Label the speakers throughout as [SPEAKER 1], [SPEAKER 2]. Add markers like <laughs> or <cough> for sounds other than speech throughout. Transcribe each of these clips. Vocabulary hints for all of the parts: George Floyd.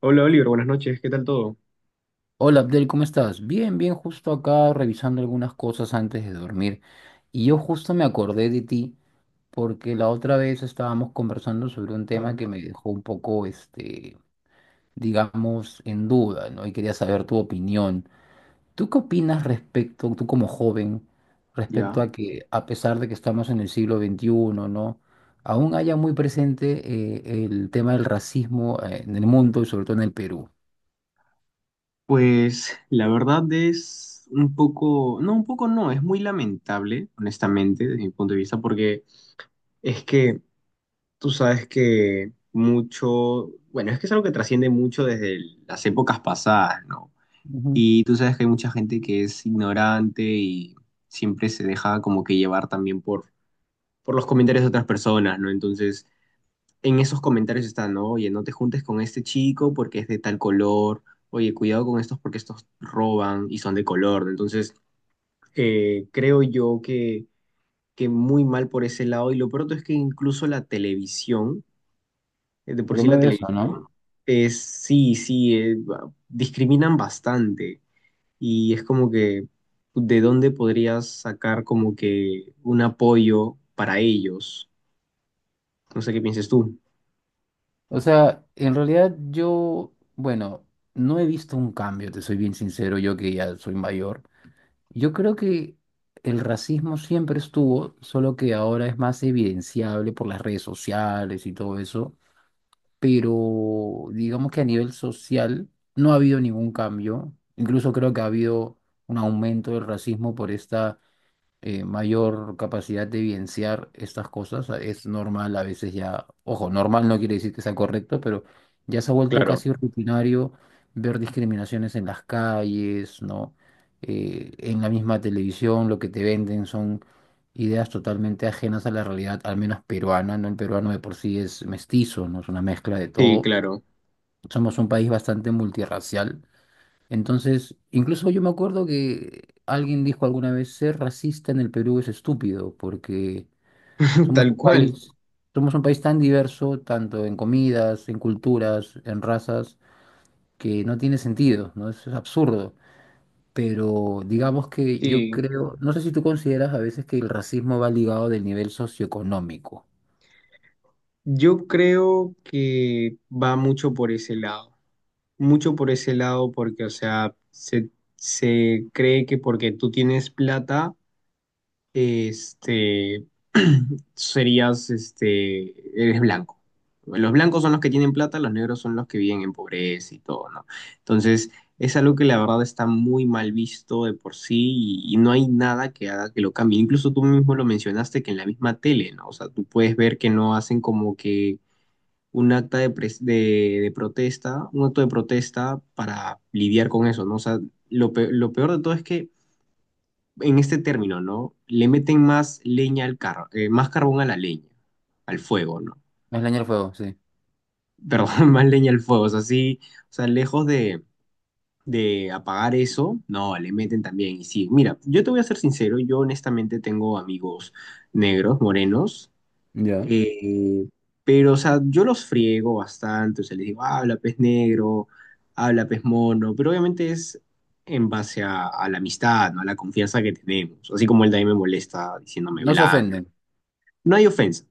[SPEAKER 1] Hola Oliver, buenas noches, ¿qué tal todo?
[SPEAKER 2] Hola Abdel, ¿cómo estás? Bien, justo acá revisando algunas cosas antes de dormir. Y yo justo me acordé de ti porque la otra vez estábamos conversando sobre un tema que
[SPEAKER 1] Ah,
[SPEAKER 2] me dejó un poco, digamos, en duda, ¿no? Y quería saber tu opinión. ¿Tú qué opinas respecto, tú como joven, respecto
[SPEAKER 1] Ya,
[SPEAKER 2] a que a pesar de que estamos en el siglo XXI, ¿no? Aún haya muy presente el tema del racismo en el mundo y sobre todo en el Perú?
[SPEAKER 1] pues la verdad es un poco no, es muy lamentable, honestamente, desde mi punto de vista, porque es que tú sabes que mucho, bueno, es que es algo que trasciende mucho desde las épocas pasadas, ¿no?
[SPEAKER 2] Ujú.
[SPEAKER 1] Y tú sabes que hay mucha gente que es ignorante y siempre se deja como que llevar también por los comentarios de otras personas, ¿no? Entonces, en esos comentarios están, ¿no? Oye, no te juntes con este chico porque es de tal color, oye, cuidado con estos porque estos roban y son de color, ¿no? Entonces, creo yo que muy mal por ese lado. Y lo pronto es que incluso la televisión, de por
[SPEAKER 2] Pero
[SPEAKER 1] sí
[SPEAKER 2] me
[SPEAKER 1] la
[SPEAKER 2] ves, ¿no?
[SPEAKER 1] televisión es, sí, sí, discriminan bastante. Y es como que, ¿de dónde podrías sacar como que un apoyo para ellos? No sé qué pienses tú.
[SPEAKER 2] O sea, en realidad yo, bueno, no he visto un cambio, te soy bien sincero, yo que ya soy mayor. Yo creo que el racismo siempre estuvo, solo que ahora es más evidenciable por las redes sociales y todo eso, pero digamos que a nivel social no ha habido ningún cambio. Incluso creo que ha habido un aumento del racismo por esta mayor capacidad de evidenciar estas cosas. Es normal a veces ya, ojo, normal no quiere decir que sea correcto, pero ya se ha vuelto
[SPEAKER 1] Claro.
[SPEAKER 2] casi rutinario ver discriminaciones en las calles, ¿no? En la misma televisión lo que te venden son ideas totalmente ajenas a la realidad, al menos peruana, ¿no? El peruano de por sí es mestizo, ¿no? Es una mezcla de
[SPEAKER 1] Sí,
[SPEAKER 2] todo.
[SPEAKER 1] claro,
[SPEAKER 2] Somos un país bastante multirracial. Entonces, incluso yo me acuerdo que alguien dijo alguna vez, ser racista en el Perú es estúpido, porque
[SPEAKER 1] <laughs>
[SPEAKER 2] somos
[SPEAKER 1] tal
[SPEAKER 2] un
[SPEAKER 1] cual.
[SPEAKER 2] país, somos un país tan diverso, tanto en comidas, en culturas, en razas, que no tiene sentido, ¿no? Eso es absurdo. Pero digamos que yo
[SPEAKER 1] Sí,
[SPEAKER 2] creo, no sé si tú consideras a veces que el racismo va ligado del nivel socioeconómico.
[SPEAKER 1] yo creo que va mucho por ese lado, mucho por ese lado porque, o sea, se cree que porque tú tienes plata, este, <clears throat> eres blanco. Los blancos son los que tienen plata, los negros son los que viven en pobreza y todo, ¿no? Entonces, es algo que la verdad está muy mal visto de por sí y no hay nada que haga que lo cambie. Incluso tú mismo lo mencionaste que en la misma tele, ¿no? O sea, tú puedes ver que no hacen como que un acta de protesta, un acto de protesta para lidiar con eso, ¿no? O sea, lo peor de todo es que en este término, ¿no? Le meten más leña al carro, más carbón a la leña, al fuego, ¿no?
[SPEAKER 2] Es leña al fuego, sí.
[SPEAKER 1] Perdón, <laughs> más leña al fuego, o sea, sí, o sea, lejos de apagar eso, no, le meten también. Y sí, mira, yo te voy a ser sincero, yo honestamente tengo amigos negros, morenos,
[SPEAKER 2] Ya.
[SPEAKER 1] eh, pero, o sea, yo los friego bastante, o sea, les digo, "Ah, habla pez negro, habla pez mono", pero obviamente es en base a la amistad, ¿no? A la confianza que tenemos, así como él también me molesta diciéndome
[SPEAKER 2] No se
[SPEAKER 1] blanca.
[SPEAKER 2] ofenden.
[SPEAKER 1] No hay ofensa,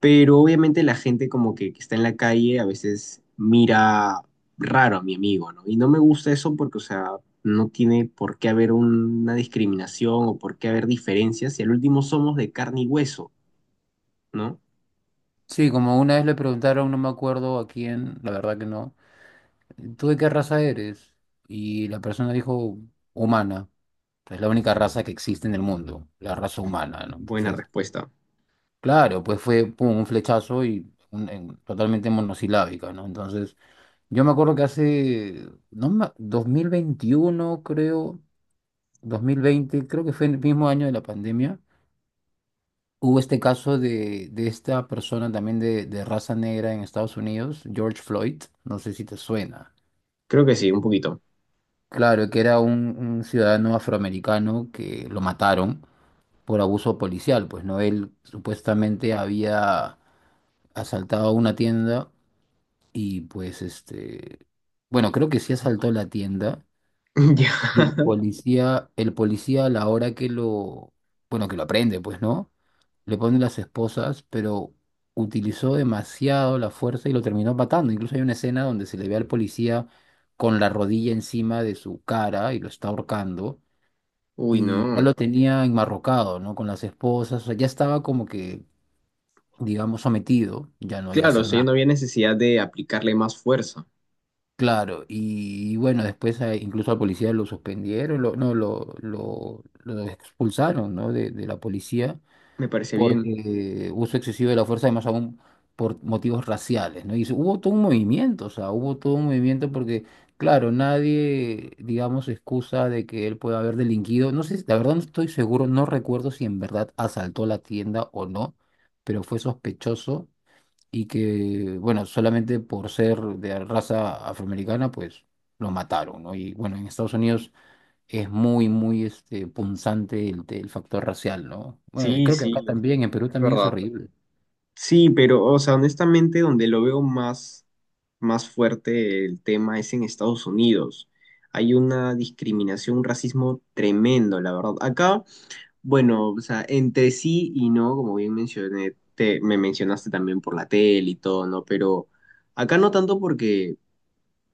[SPEAKER 1] pero obviamente la gente como que está en la calle a veces mira raro a mi amigo, ¿no? Y no me gusta eso porque, o sea, no tiene por qué haber una discriminación o por qué haber diferencias si al último somos de carne y hueso, ¿no?
[SPEAKER 2] Sí, como una vez le preguntaron, no me acuerdo a quién, la verdad que no. ¿Tú de qué raza eres? Y la persona dijo, humana. Es la única raza que existe en el mundo, la raza humana, ¿no?
[SPEAKER 1] Buena
[SPEAKER 2] Entonces,
[SPEAKER 1] respuesta.
[SPEAKER 2] claro, pues fue pum, un flechazo y totalmente monosilábica, ¿no? Entonces, yo me acuerdo que hace, no, 2021, creo, 2020, creo que fue en el mismo año de la pandemia, hubo este caso de esta persona también de raza negra en Estados Unidos, George Floyd, no sé si te suena.
[SPEAKER 1] Creo que sí, un poquito.
[SPEAKER 2] Claro, que era un ciudadano afroamericano que lo mataron por abuso policial, pues no, él supuestamente había asaltado una tienda y pues bueno, creo que sí asaltó la tienda
[SPEAKER 1] <laughs> Ya.
[SPEAKER 2] y el policía a la hora que bueno, que lo aprende, pues no, le pone las esposas, pero utilizó demasiado la fuerza y lo terminó matando. Incluso hay una escena donde se le ve al policía con la rodilla encima de su cara y lo está ahorcando
[SPEAKER 1] Uy,
[SPEAKER 2] y ya
[SPEAKER 1] no.
[SPEAKER 2] lo tenía enmarrocado, ¿no? Con las esposas, o sea, ya estaba como que, digamos, sometido, ya no iba a
[SPEAKER 1] Claro,
[SPEAKER 2] hacer
[SPEAKER 1] sí, no
[SPEAKER 2] nada.
[SPEAKER 1] había necesidad de aplicarle más fuerza.
[SPEAKER 2] Claro, y bueno, después incluso al policía lo suspendieron, lo expulsaron, ¿no? De la policía
[SPEAKER 1] Me parece
[SPEAKER 2] por
[SPEAKER 1] bien.
[SPEAKER 2] uso excesivo de la fuerza, y más aún por motivos raciales, ¿no? Y hubo todo un movimiento, o sea, hubo todo un movimiento porque, claro, nadie, digamos, excusa de que él pueda haber delinquido. No sé, la verdad no estoy seguro, no recuerdo si en verdad asaltó la tienda o no, pero fue sospechoso y que, bueno, solamente por ser de raza afroamericana, pues lo mataron, ¿no? Y bueno, en Estados Unidos es muy este, punzante el factor racial, ¿no? Bueno,
[SPEAKER 1] Sí,
[SPEAKER 2] creo que
[SPEAKER 1] sí,
[SPEAKER 2] acá también, en Perú
[SPEAKER 1] es
[SPEAKER 2] también es
[SPEAKER 1] verdad.
[SPEAKER 2] horrible.
[SPEAKER 1] Sí, pero, o sea, honestamente, donde lo veo más, más fuerte el tema es en Estados Unidos. Hay una discriminación, un racismo tremendo, la verdad. Acá, bueno, o sea, entre sí y no, como bien mencioné, me mencionaste también por la tele y todo, ¿no? Pero acá no tanto porque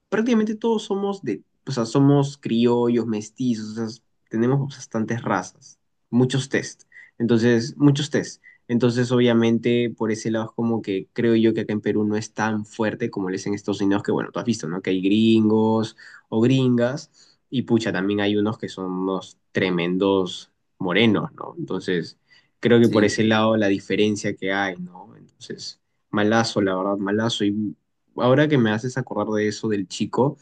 [SPEAKER 1] prácticamente todos somos de, o sea, somos criollos, mestizos, o sea, tenemos bastantes razas, muchos test. Entonces, muchos test. Entonces, obviamente, por ese lado es como que creo yo que acá en Perú no es tan fuerte como lo es en Estados Unidos, que bueno, tú has visto, ¿no? Que hay gringos o gringas, y pucha, también hay unos que son unos tremendos morenos, ¿no? Entonces, creo que por
[SPEAKER 2] Sí,
[SPEAKER 1] ese lado la diferencia que hay, ¿no? Entonces, malazo, la verdad, malazo. Y ahora que me haces acordar de eso del chico,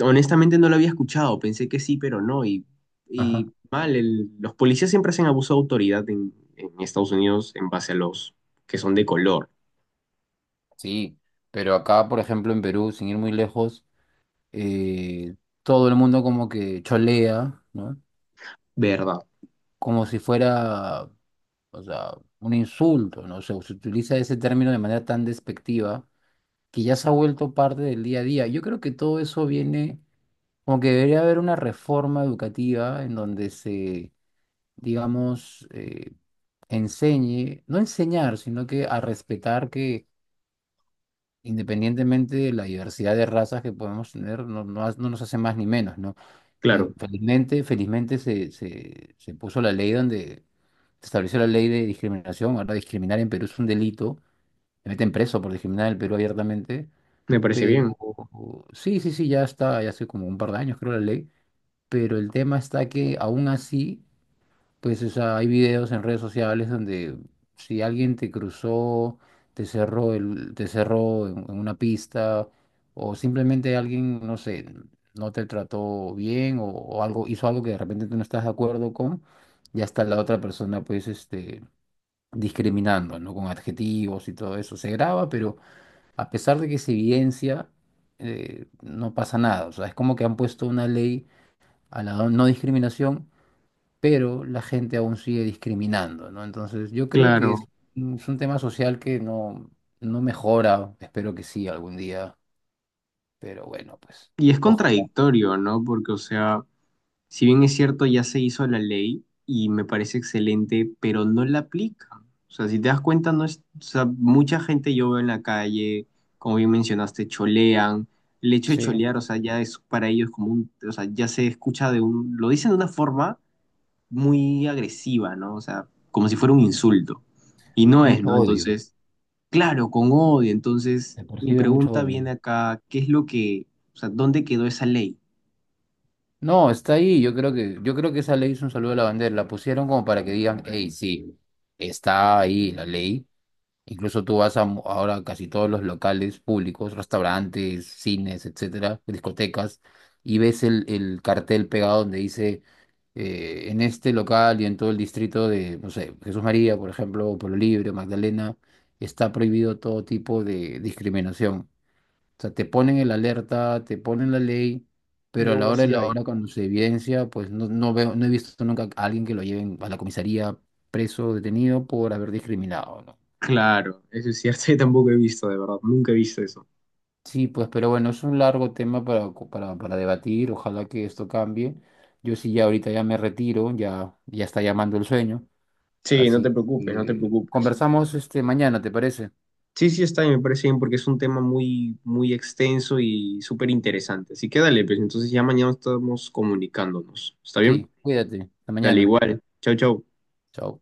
[SPEAKER 1] honestamente no lo había escuchado, pensé que sí, pero no,
[SPEAKER 2] ajá,
[SPEAKER 1] y mal, los policías siempre hacen abuso de autoridad en Estados Unidos en base a los que son de color,
[SPEAKER 2] sí. Pero acá, por ejemplo, en Perú, sin ir muy lejos, eh, todo el mundo como que cholea, ¿no?
[SPEAKER 1] ¿verdad?
[SPEAKER 2] Como si fuera, o sea, un insulto, ¿no? O sea, se utiliza ese término de manera tan despectiva que ya se ha vuelto parte del día a día. Yo creo que todo eso viene, como que debería haber una reforma educativa en donde se digamos, enseñe, no enseñar, sino que a respetar que independientemente de la diversidad de razas que podemos tener, no nos hace más ni menos, ¿no?
[SPEAKER 1] Claro,
[SPEAKER 2] Felizmente se puso la ley donde se estableció la ley de discriminación. Ahora discriminar en Perú es un delito. Me meten preso por discriminar en el Perú abiertamente.
[SPEAKER 1] me parece
[SPEAKER 2] Pero
[SPEAKER 1] bien,
[SPEAKER 2] sí, ya está, ya hace como un par de años creo la ley. Pero el tema está que aún así pues o sea, hay videos en redes sociales donde si alguien te cruzó, te cerró en una pista, o simplemente alguien, no sé, no te trató bien, o algo, hizo algo que de repente tú no estás de acuerdo con, ya está la otra persona pues discriminando, ¿no? Con adjetivos y todo eso. Se graba, pero a pesar de que se evidencia, no pasa nada. O sea, es como que han puesto una ley a la no discriminación pero la gente aún sigue discriminando, ¿no? Entonces, yo creo
[SPEAKER 1] claro.
[SPEAKER 2] es un tema social que no, no mejora, espero que sí algún día, pero bueno, pues
[SPEAKER 1] Y es
[SPEAKER 2] ojalá.
[SPEAKER 1] contradictorio, ¿no? Porque, o sea, si bien es cierto, ya se hizo la ley y me parece excelente, pero no la aplican. O sea, si te das cuenta, no es, o sea, mucha gente yo veo en la calle, como bien mencionaste, cholean. El hecho de
[SPEAKER 2] Sí,
[SPEAKER 1] cholear, o sea, ya es para ellos como un, o sea, ya se escucha de un, lo dicen de una forma muy agresiva, ¿no? O sea, como si fuera un insulto. Y no es,
[SPEAKER 2] mucho
[SPEAKER 1] ¿no?
[SPEAKER 2] odio,
[SPEAKER 1] Entonces, claro, con odio. Entonces,
[SPEAKER 2] se
[SPEAKER 1] mi
[SPEAKER 2] percibe mucho
[SPEAKER 1] pregunta
[SPEAKER 2] odio.
[SPEAKER 1] viene acá, ¿qué es lo que, o sea, dónde quedó esa ley?
[SPEAKER 2] No, está ahí, yo creo que esa ley es un saludo a la bandera, la pusieron como para que digan, hey, sí, está ahí la ley. Incluso tú vas a ahora casi todos los locales públicos, restaurantes, cines, etcétera, discotecas, y ves el cartel pegado donde dice en este local y en todo el distrito de, no sé, Jesús María, por ejemplo, o Pueblo Libre, Magdalena, está prohibido todo tipo de discriminación. O sea, te ponen el alerta, te ponen la ley,
[SPEAKER 1] Y
[SPEAKER 2] pero a la
[SPEAKER 1] aún
[SPEAKER 2] hora de
[SPEAKER 1] así
[SPEAKER 2] la
[SPEAKER 1] hay.
[SPEAKER 2] hora, cuando se evidencia, pues no, no veo, no he visto nunca a alguien que lo lleven a la comisaría preso o detenido por haber discriminado, ¿no?
[SPEAKER 1] Claro, eso es cierto, <laughs> yo tampoco he visto, de verdad, nunca he visto eso.
[SPEAKER 2] Sí, pues, pero bueno, es un largo tema para, para debatir. Ojalá que esto cambie. Yo sí ya ahorita ya me retiro, ya está llamando el sueño.
[SPEAKER 1] Sí, no te
[SPEAKER 2] Así
[SPEAKER 1] preocupes, no te
[SPEAKER 2] que
[SPEAKER 1] preocupes.
[SPEAKER 2] conversamos este mañana, ¿te parece?
[SPEAKER 1] Sí, sí, está bien, me parece bien porque es un tema muy, muy extenso y súper interesante. Así que dale, pues entonces ya mañana estamos comunicándonos. ¿Está bien?
[SPEAKER 2] Sí, cuídate. Hasta
[SPEAKER 1] Dale,
[SPEAKER 2] mañana.
[SPEAKER 1] igual. Chau, chau.
[SPEAKER 2] Chao.